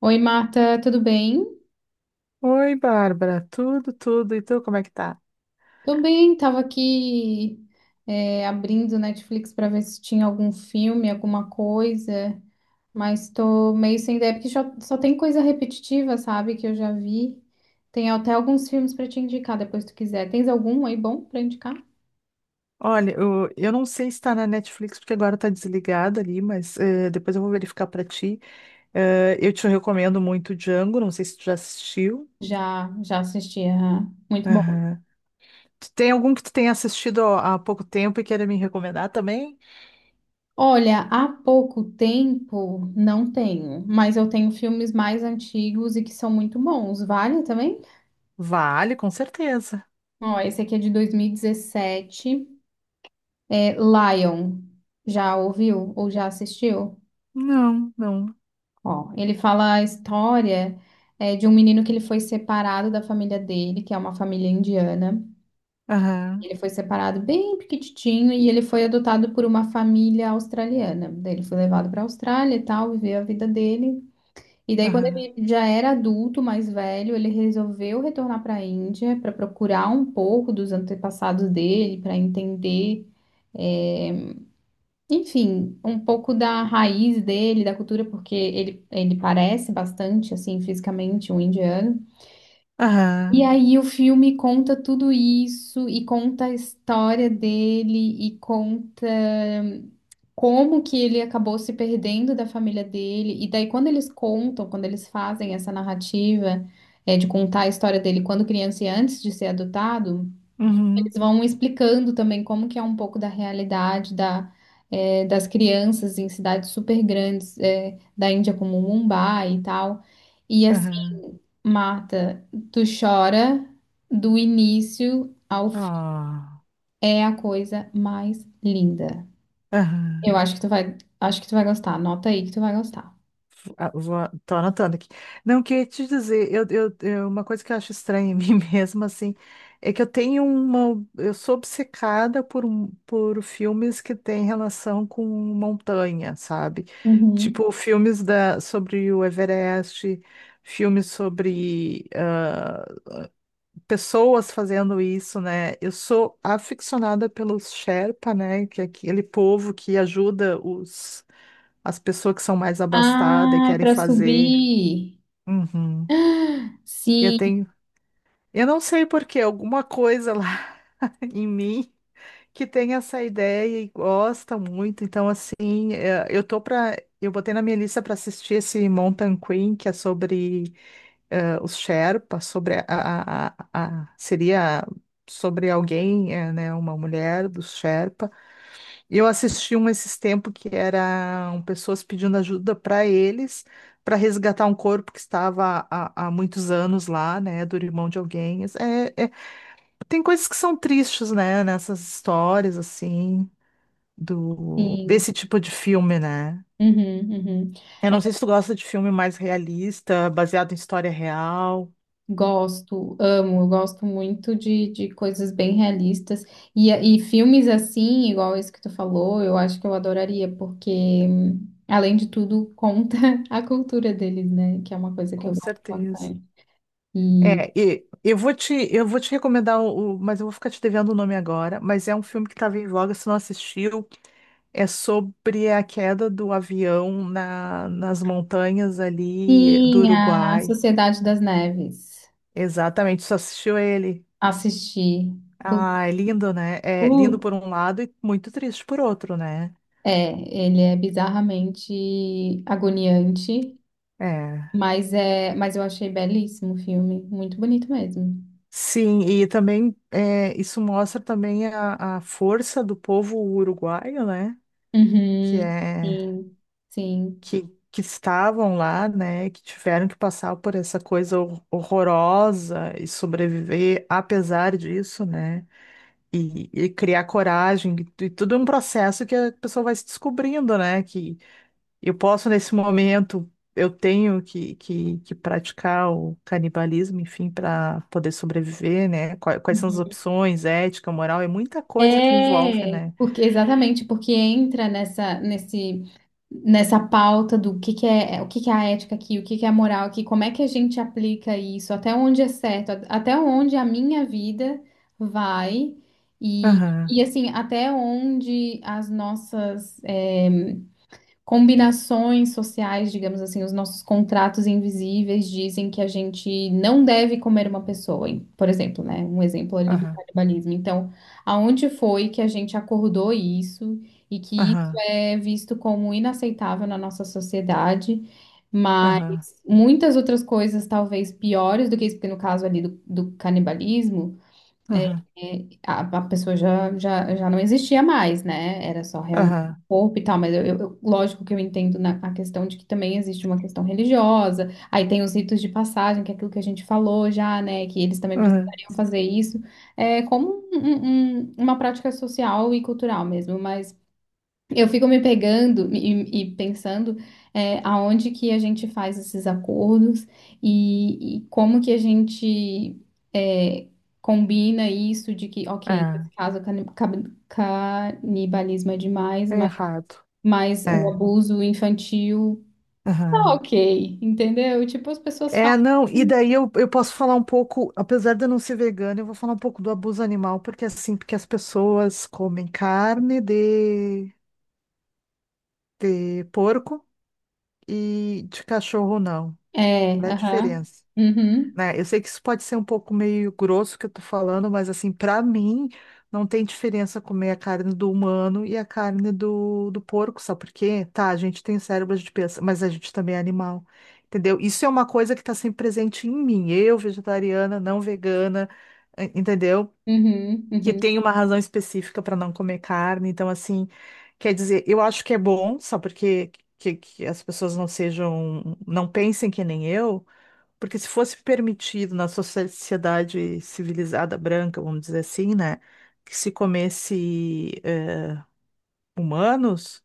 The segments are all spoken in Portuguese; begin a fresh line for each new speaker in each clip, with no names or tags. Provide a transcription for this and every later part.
Oi, Marta, tudo bem?
Oi, Bárbara, tudo, tudo. E tu, como é que tá?
Tudo bem, tava aqui abrindo Netflix para ver se tinha algum filme, alguma coisa, mas tô meio sem ideia, porque só tem coisa repetitiva, sabe, que eu já vi. Tem até alguns filmes para te indicar depois se tu quiser. Tens algum aí bom para indicar?
Olha, eu não sei se tá na Netflix, porque agora tá desligada ali, mas depois eu vou verificar pra ti. Eu te recomendo muito Django, não sei se tu já assistiu.
Já assisti, aham. Muito bom.
Aham. Tu tem algum que tu tenha assistido há pouco tempo e queira me recomendar também?
Olha, há pouco tempo não tenho, mas eu tenho filmes mais antigos e que são muito bons. Vale também?
Vale, com certeza.
Ó, esse aqui é de 2017. É, Lion, já ouviu ou já assistiu?
Não, não.
Ó, ele fala a história de um menino que ele foi separado da família dele, que é uma família indiana.
Aham,
Ele foi separado bem pequititinho e ele foi adotado por uma família australiana. Daí ele foi levado para a Austrália e tal, viveu a vida dele. E daí, quando
aham,
ele já era adulto, mais velho, ele resolveu retornar para a Índia para procurar um pouco dos antepassados dele, para entender. é, Enfim, um pouco da raiz dele, da cultura, porque ele parece bastante, assim, fisicamente um indiano.
aham,
E aí o filme conta tudo isso e conta a história dele e conta como que ele acabou se perdendo da família dele. E daí, quando eles contam, quando eles fazem essa narrativa, de contar a história dele quando criança e antes de ser adotado. Eles
uhum,
vão explicando também como que é um pouco da realidade das crianças em cidades super grandes, da Índia, como Mumbai e tal. E assim,
aham,
Marta, tu chora do início ao fim.
ah,
É a coisa mais linda.
aham.
Eu acho que tu vai, acho que tu vai gostar. Anota aí que tu vai gostar.
Ah, vou, tô anotando aqui. Não, queria te dizer, uma coisa que eu acho estranha em mim mesma, assim, é que eu tenho uma. Eu sou obcecada por filmes que têm relação com montanha, sabe?
Uhum.
Tipo, filmes sobre o Everest, filmes sobre pessoas fazendo isso, né? Eu sou aficionada pelos Sherpa, né? Que é aquele povo que ajuda as pessoas que são mais abastadas e
Ai,
querem
para
fazer.
subir.
Uhum. Eu
Sim.
tenho, eu não sei por quê, alguma coisa lá em mim que tem essa ideia e gosta muito. Então, assim, eu botei na minha lista para assistir esse Mountain Queen, que é sobre os Sherpas, sobre seria sobre alguém, né, uma mulher dos Sherpa. E eu assisti um esses tempos que eram pessoas pedindo ajuda para eles para resgatar um corpo que estava há muitos anos lá, né, do irmão de alguém. Assim, tem coisas que são tristes, né, nessas histórias assim do
Uhum,
desse tipo de filme, né?
uhum.
Eu
É,
não sei se tu gosta de filme mais realista, baseado em história real.
gosto, amo, eu gosto muito de coisas bem realistas. E filmes assim, igual esse que tu falou, eu acho que eu adoraria, porque, além de tudo, conta a cultura deles, né? Que é uma coisa que eu
Com
gosto
certeza.
bastante. E
É, e eu vou te recomendar mas eu vou ficar te devendo o nome agora, mas é um filme que estava em voga, se não assistiu. É sobre a queda do avião nas montanhas ali do
sim, a
Uruguai.
Sociedade das Neves.
Exatamente, só assistiu ele.
Assisti. Pu-
Ah, é lindo, né? É lindo
Putz,
por um lado e muito triste por outro, né?
é, ele é bizarramente agoniante,
É.
mas é, mas eu achei belíssimo o filme, muito bonito mesmo.
Sim, e também é, isso mostra também a força do povo uruguaio, né? Que
Uhum.
é
Sim, sim.
que, que estavam lá, né? Que tiveram que passar por essa coisa horrorosa e sobreviver apesar disso, né? E criar coragem, e tudo é um processo que a pessoa vai se descobrindo, né? Que eu posso, nesse momento, eu tenho que praticar o canibalismo, enfim, para poder sobreviver, né? Quais são as opções, ética, moral, é muita coisa que envolve,
É,
né?
porque exatamente, porque entra nessa pauta do que é, o que que é a ética aqui, o que que é a moral aqui, como é que a gente aplica isso, até onde é certo, até onde a minha vida vai e,
Aham,
e assim, até onde as nossas combinações sociais, digamos assim, os nossos contratos invisíveis dizem que a gente não deve comer uma pessoa, por exemplo, né? Um exemplo ali do
aham,
canibalismo. Então, aonde foi que a gente acordou isso e que isso
aham,
é visto como inaceitável na nossa sociedade? Mas
aham,
muitas outras coisas, talvez piores do que isso, porque no caso ali do canibalismo.
aham,
E a pessoa já não existia mais, né? Era só realmente
aham,
o corpo e tal, mas eu, lógico que eu entendo na, a questão de que também existe uma questão religiosa, aí tem os ritos de passagem, que é aquilo que a gente falou já, né? Que eles também
aham,
precisariam fazer isso, é como uma prática social e cultural mesmo, mas. Eu fico me pegando e pensando aonde que a gente faz esses acordos e como que a gente é, combina isso de que, ok, nesse
aham,
caso o canibalismo é demais,
é, é errado,
mas o
é,
abuso infantil tá
aham.
ok, entendeu? Tipo, as pessoas falam.
É, não, e daí eu posso falar um pouco, apesar de eu não ser vegana, eu vou falar um pouco do abuso animal, porque é assim, porque as pessoas comem carne de porco e de cachorro não.
É,
Qual é a
aham.
diferença?
Uhum,
Né? Eu sei que isso pode ser um pouco meio grosso que eu tô falando, mas assim, pra mim, não tem diferença comer a carne do humano e a carne do porco, sabe por quê? Tá, a gente tem cérebro de pensa, mas a gente também é animal, entendeu? Isso é uma coisa que tá sempre presente em mim, eu, vegetariana, não vegana, entendeu?
uhum,
Que
uhum.
tem uma razão específica para não comer carne, então assim, quer dizer, eu acho que é bom, só porque que as pessoas não sejam, não pensem que nem eu. Porque se fosse permitido na sociedade civilizada branca, vamos dizer assim, né, que se comesse humanos,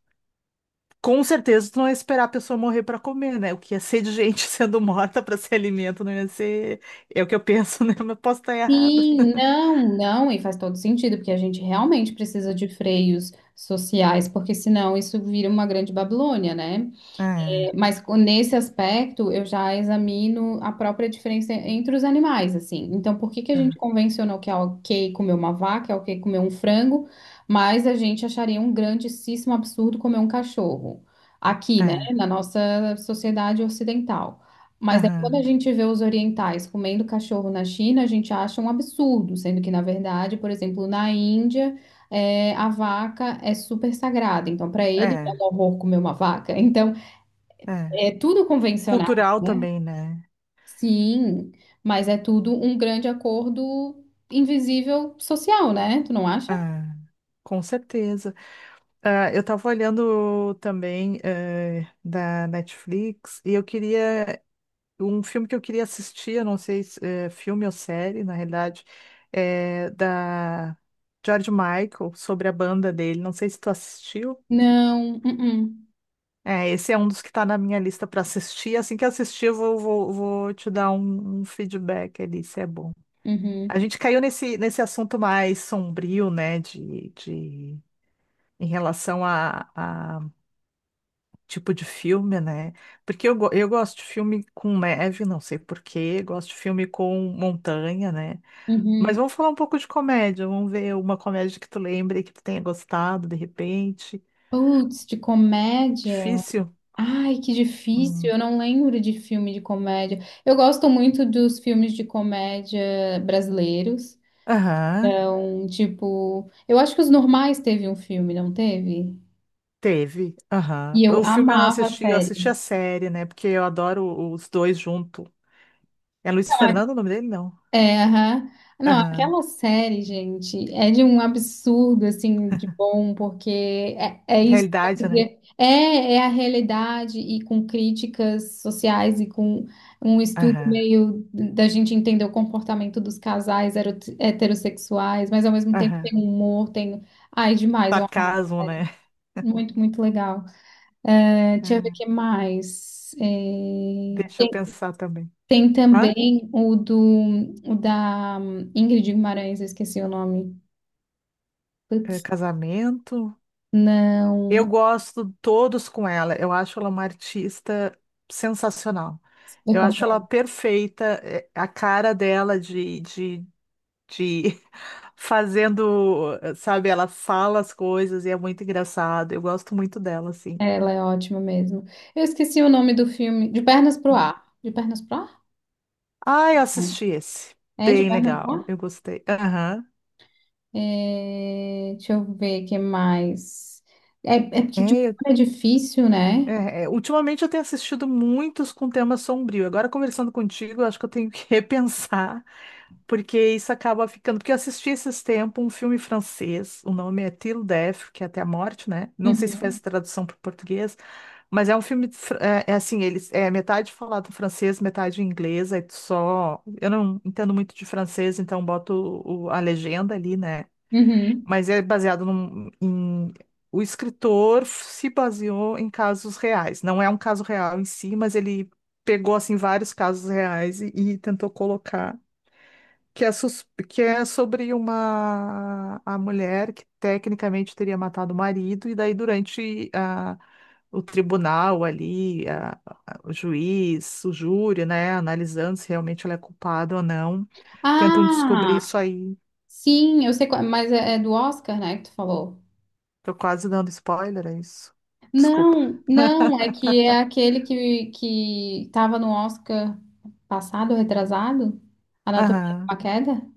com certeza tu não ia esperar a pessoa morrer para comer, né? O que ia ser de gente sendo morta para ser alimento não ia ser. É o que eu penso, né? Mas posso estar errada.
Sim, não, não, e faz todo sentido, porque a gente realmente precisa de freios sociais, porque senão isso vira uma grande Babilônia, né?
É,
Mas nesse aspecto, eu já examino a própria diferença entre os animais, assim. Então, por que que a
é,
gente convencionou que é ok comer uma vaca, é ok comer um frango, mas a gente acharia um grandíssimo absurdo comer um cachorro? Aqui, né,
é,
na nossa sociedade ocidental. Mas aí, quando a
aham,
gente vê os orientais comendo cachorro na China, a gente acha um absurdo, sendo que, na verdade, por exemplo, na Índia, é, a vaca é super sagrada. Então, para ele, é
é,
um horror comer uma vaca. Então,
é.
é tudo convencional,
Cultural
né?
também, né?
Sim, mas é tudo um grande acordo invisível social, né? Tu não
É,
acha?
com certeza. Ah, eu tava olhando também da Netflix e eu queria um filme que eu queria assistir, eu não sei se é filme ou série, na realidade, é da George Michael, sobre a banda dele. Não sei se tu assistiu.
Não. Uh-uh.
É, esse é um dos que tá na minha lista para assistir. Assim que assistir, eu vou te dar um feedback ali, se é bom.
Uhum.
A gente caiu nesse assunto mais sombrio, né, em relação a tipo de filme, né? Porque eu gosto de filme com neve, não sei por quê, gosto de filme com montanha, né? Mas
Uhum.
vamos falar um pouco de comédia. Vamos ver uma comédia que tu lembre que tu tenha gostado, de repente.
Putz, de comédia.
Difícil?
Ai, que difícil.
Hum.
Eu não lembro de filme de comédia. Eu gosto muito dos filmes de comédia brasileiros.
Aham,
Então, tipo, eu acho que Os Normais teve um filme, não teve?
teve. Aham.
E eu
O filme eu não
amava a
assisti, eu assisti
série.
a série, né? Porque eu adoro os dois junto. É Luiz Fernando o nome dele? Não.
É, aham. Não,
Aham.
aquela série, gente, é de um absurdo, assim, de bom, porque
Realidade, né?
É, é a realidade e com críticas sociais e com um estudo
Aham.
meio da gente entender o comportamento dos casais heterossexuais, mas ao mesmo tempo
Aham.
tem humor, tem... Ai, demais, eu amo.
Sarcasmo, né?
Muito, muito legal. É, deixa eu ver o
Ah,
que mais. É,
deixa eu pensar também.
tem
Hã?
também o da Ingrid Guimarães, eu esqueci o nome.
É,
Putz,
casamento. Eu
não.
gosto todos com ela. Eu acho ela uma artista sensacional.
Super
Eu acho ela
Completo.
perfeita, é, a cara dela de, de fazendo, sabe, ela fala as coisas e é muito engraçado. Eu gosto muito dela, assim.
Ela é ótima mesmo. Eu esqueci o nome do filme. De Pernas pro Ar. De Pernas pro Ar?
Ah, eu
Não.
assisti esse.
É de
Bem
Pernas pro
legal,
Ar?
eu gostei. Aham.
É, deixa eu ver o que mais. É, é porque de humor
É,
é difícil, né?
é, é, ultimamente eu tenho assistido muitos com tema sombrio. Agora, conversando contigo, eu acho que eu tenho que repensar. Porque isso acaba ficando. Porque eu assisti esses tempos um filme francês, o nome é Till Death, que é até a morte, né? Não sei se fez
Uhum.
tradução para o português, mas é um filme, é, é assim, eles é metade falado em francês, metade em inglês, aí tu só. Eu não entendo muito de francês, então boto a legenda ali, né?
Uhum.
Mas é baseado num, em. O escritor se baseou em casos reais. Não é um caso real em si, mas ele pegou assim vários casos reais e tentou colocar que é sobre uma a mulher que tecnicamente teria matado o marido, e daí durante o tribunal ali, o juiz, o júri, né, analisando se realmente ela é culpada ou não, tentam descobrir
Ah,
isso aí.
sim, eu sei qual, mas é, é do Oscar, né, que tu falou.
Tô quase dando spoiler, é isso? Desculpa.
Não, não, é que é aquele que tava no Oscar passado, retrasado, Anatomia de
Aham,
uma Queda.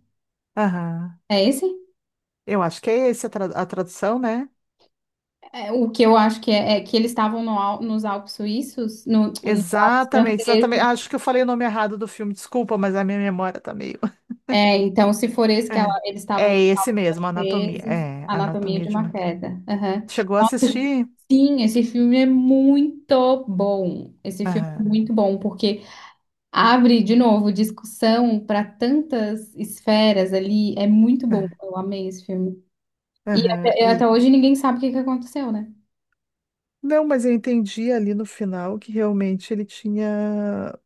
aham.
É esse?
Eu acho que é esse a, a tradução, né?
É, o que eu acho que é, é que eles estavam no nos Alpes suíços, no, nos Alpes
Exatamente, exatamente.
franceses.
Acho que eu falei o nome errado do filme, desculpa, mas a minha memória tá meio.
É, então, se for esse que ela,
É,
eles estavam
é esse mesmo, Anatomia.
franceses,
É,
Anatomia
Anatomia
de
de
uma
uma. Queda.
Queda. Aham.
Chegou a assistir?
Sim, esse filme é muito bom. Esse filme é
Ah,
muito bom, porque abre de novo discussão para tantas esferas ali. É muito bom.
ah,
Eu amei esse filme. E
aham,
até,
e...
até hoje ninguém sabe o que que aconteceu, né?
Não, mas eu entendi ali no final que realmente ele tinha.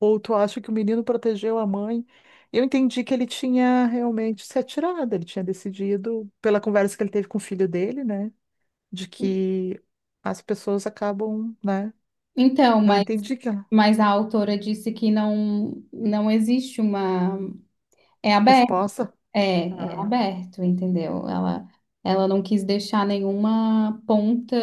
Ou tu acha que o menino protegeu a mãe? Eu entendi que ele tinha realmente se atirado, ele tinha decidido, pela conversa que ele teve com o filho dele, né? De que as pessoas acabam, né?
Então,
Não entendi que a
mas a autora disse que não, não existe uma. É aberto,
resposta.
é, é aberto, entendeu? Ela não quis deixar nenhuma ponta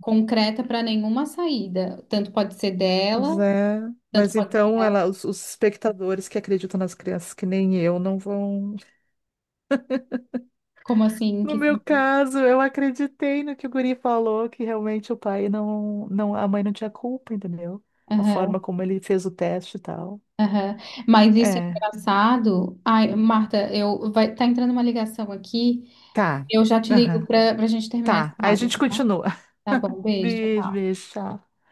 concreta para nenhuma saída. Tanto pode ser
Mas
dela,
é.
tanto
Mas
pode
então
ser.
ela, os espectadores que acreditam nas crianças, que nem eu, não vão.
Como assim? Em
No
que...
meu
sentido?
caso, eu acreditei no que o guri falou, que realmente o pai não, não, a mãe não tinha culpa, entendeu? A forma como ele fez o teste e tal.
Aham. Mas isso é
É,
engraçado. Ai, Marta, eu vai tá entrando uma ligação aqui.
tá.
Eu já te ligo
Aham.
para a gente terminar esse
Tá. Aí a
análise.
gente continua.
Tá bom, beijo. Tchau.
Beijo,
Tchau.
beijo, tchau.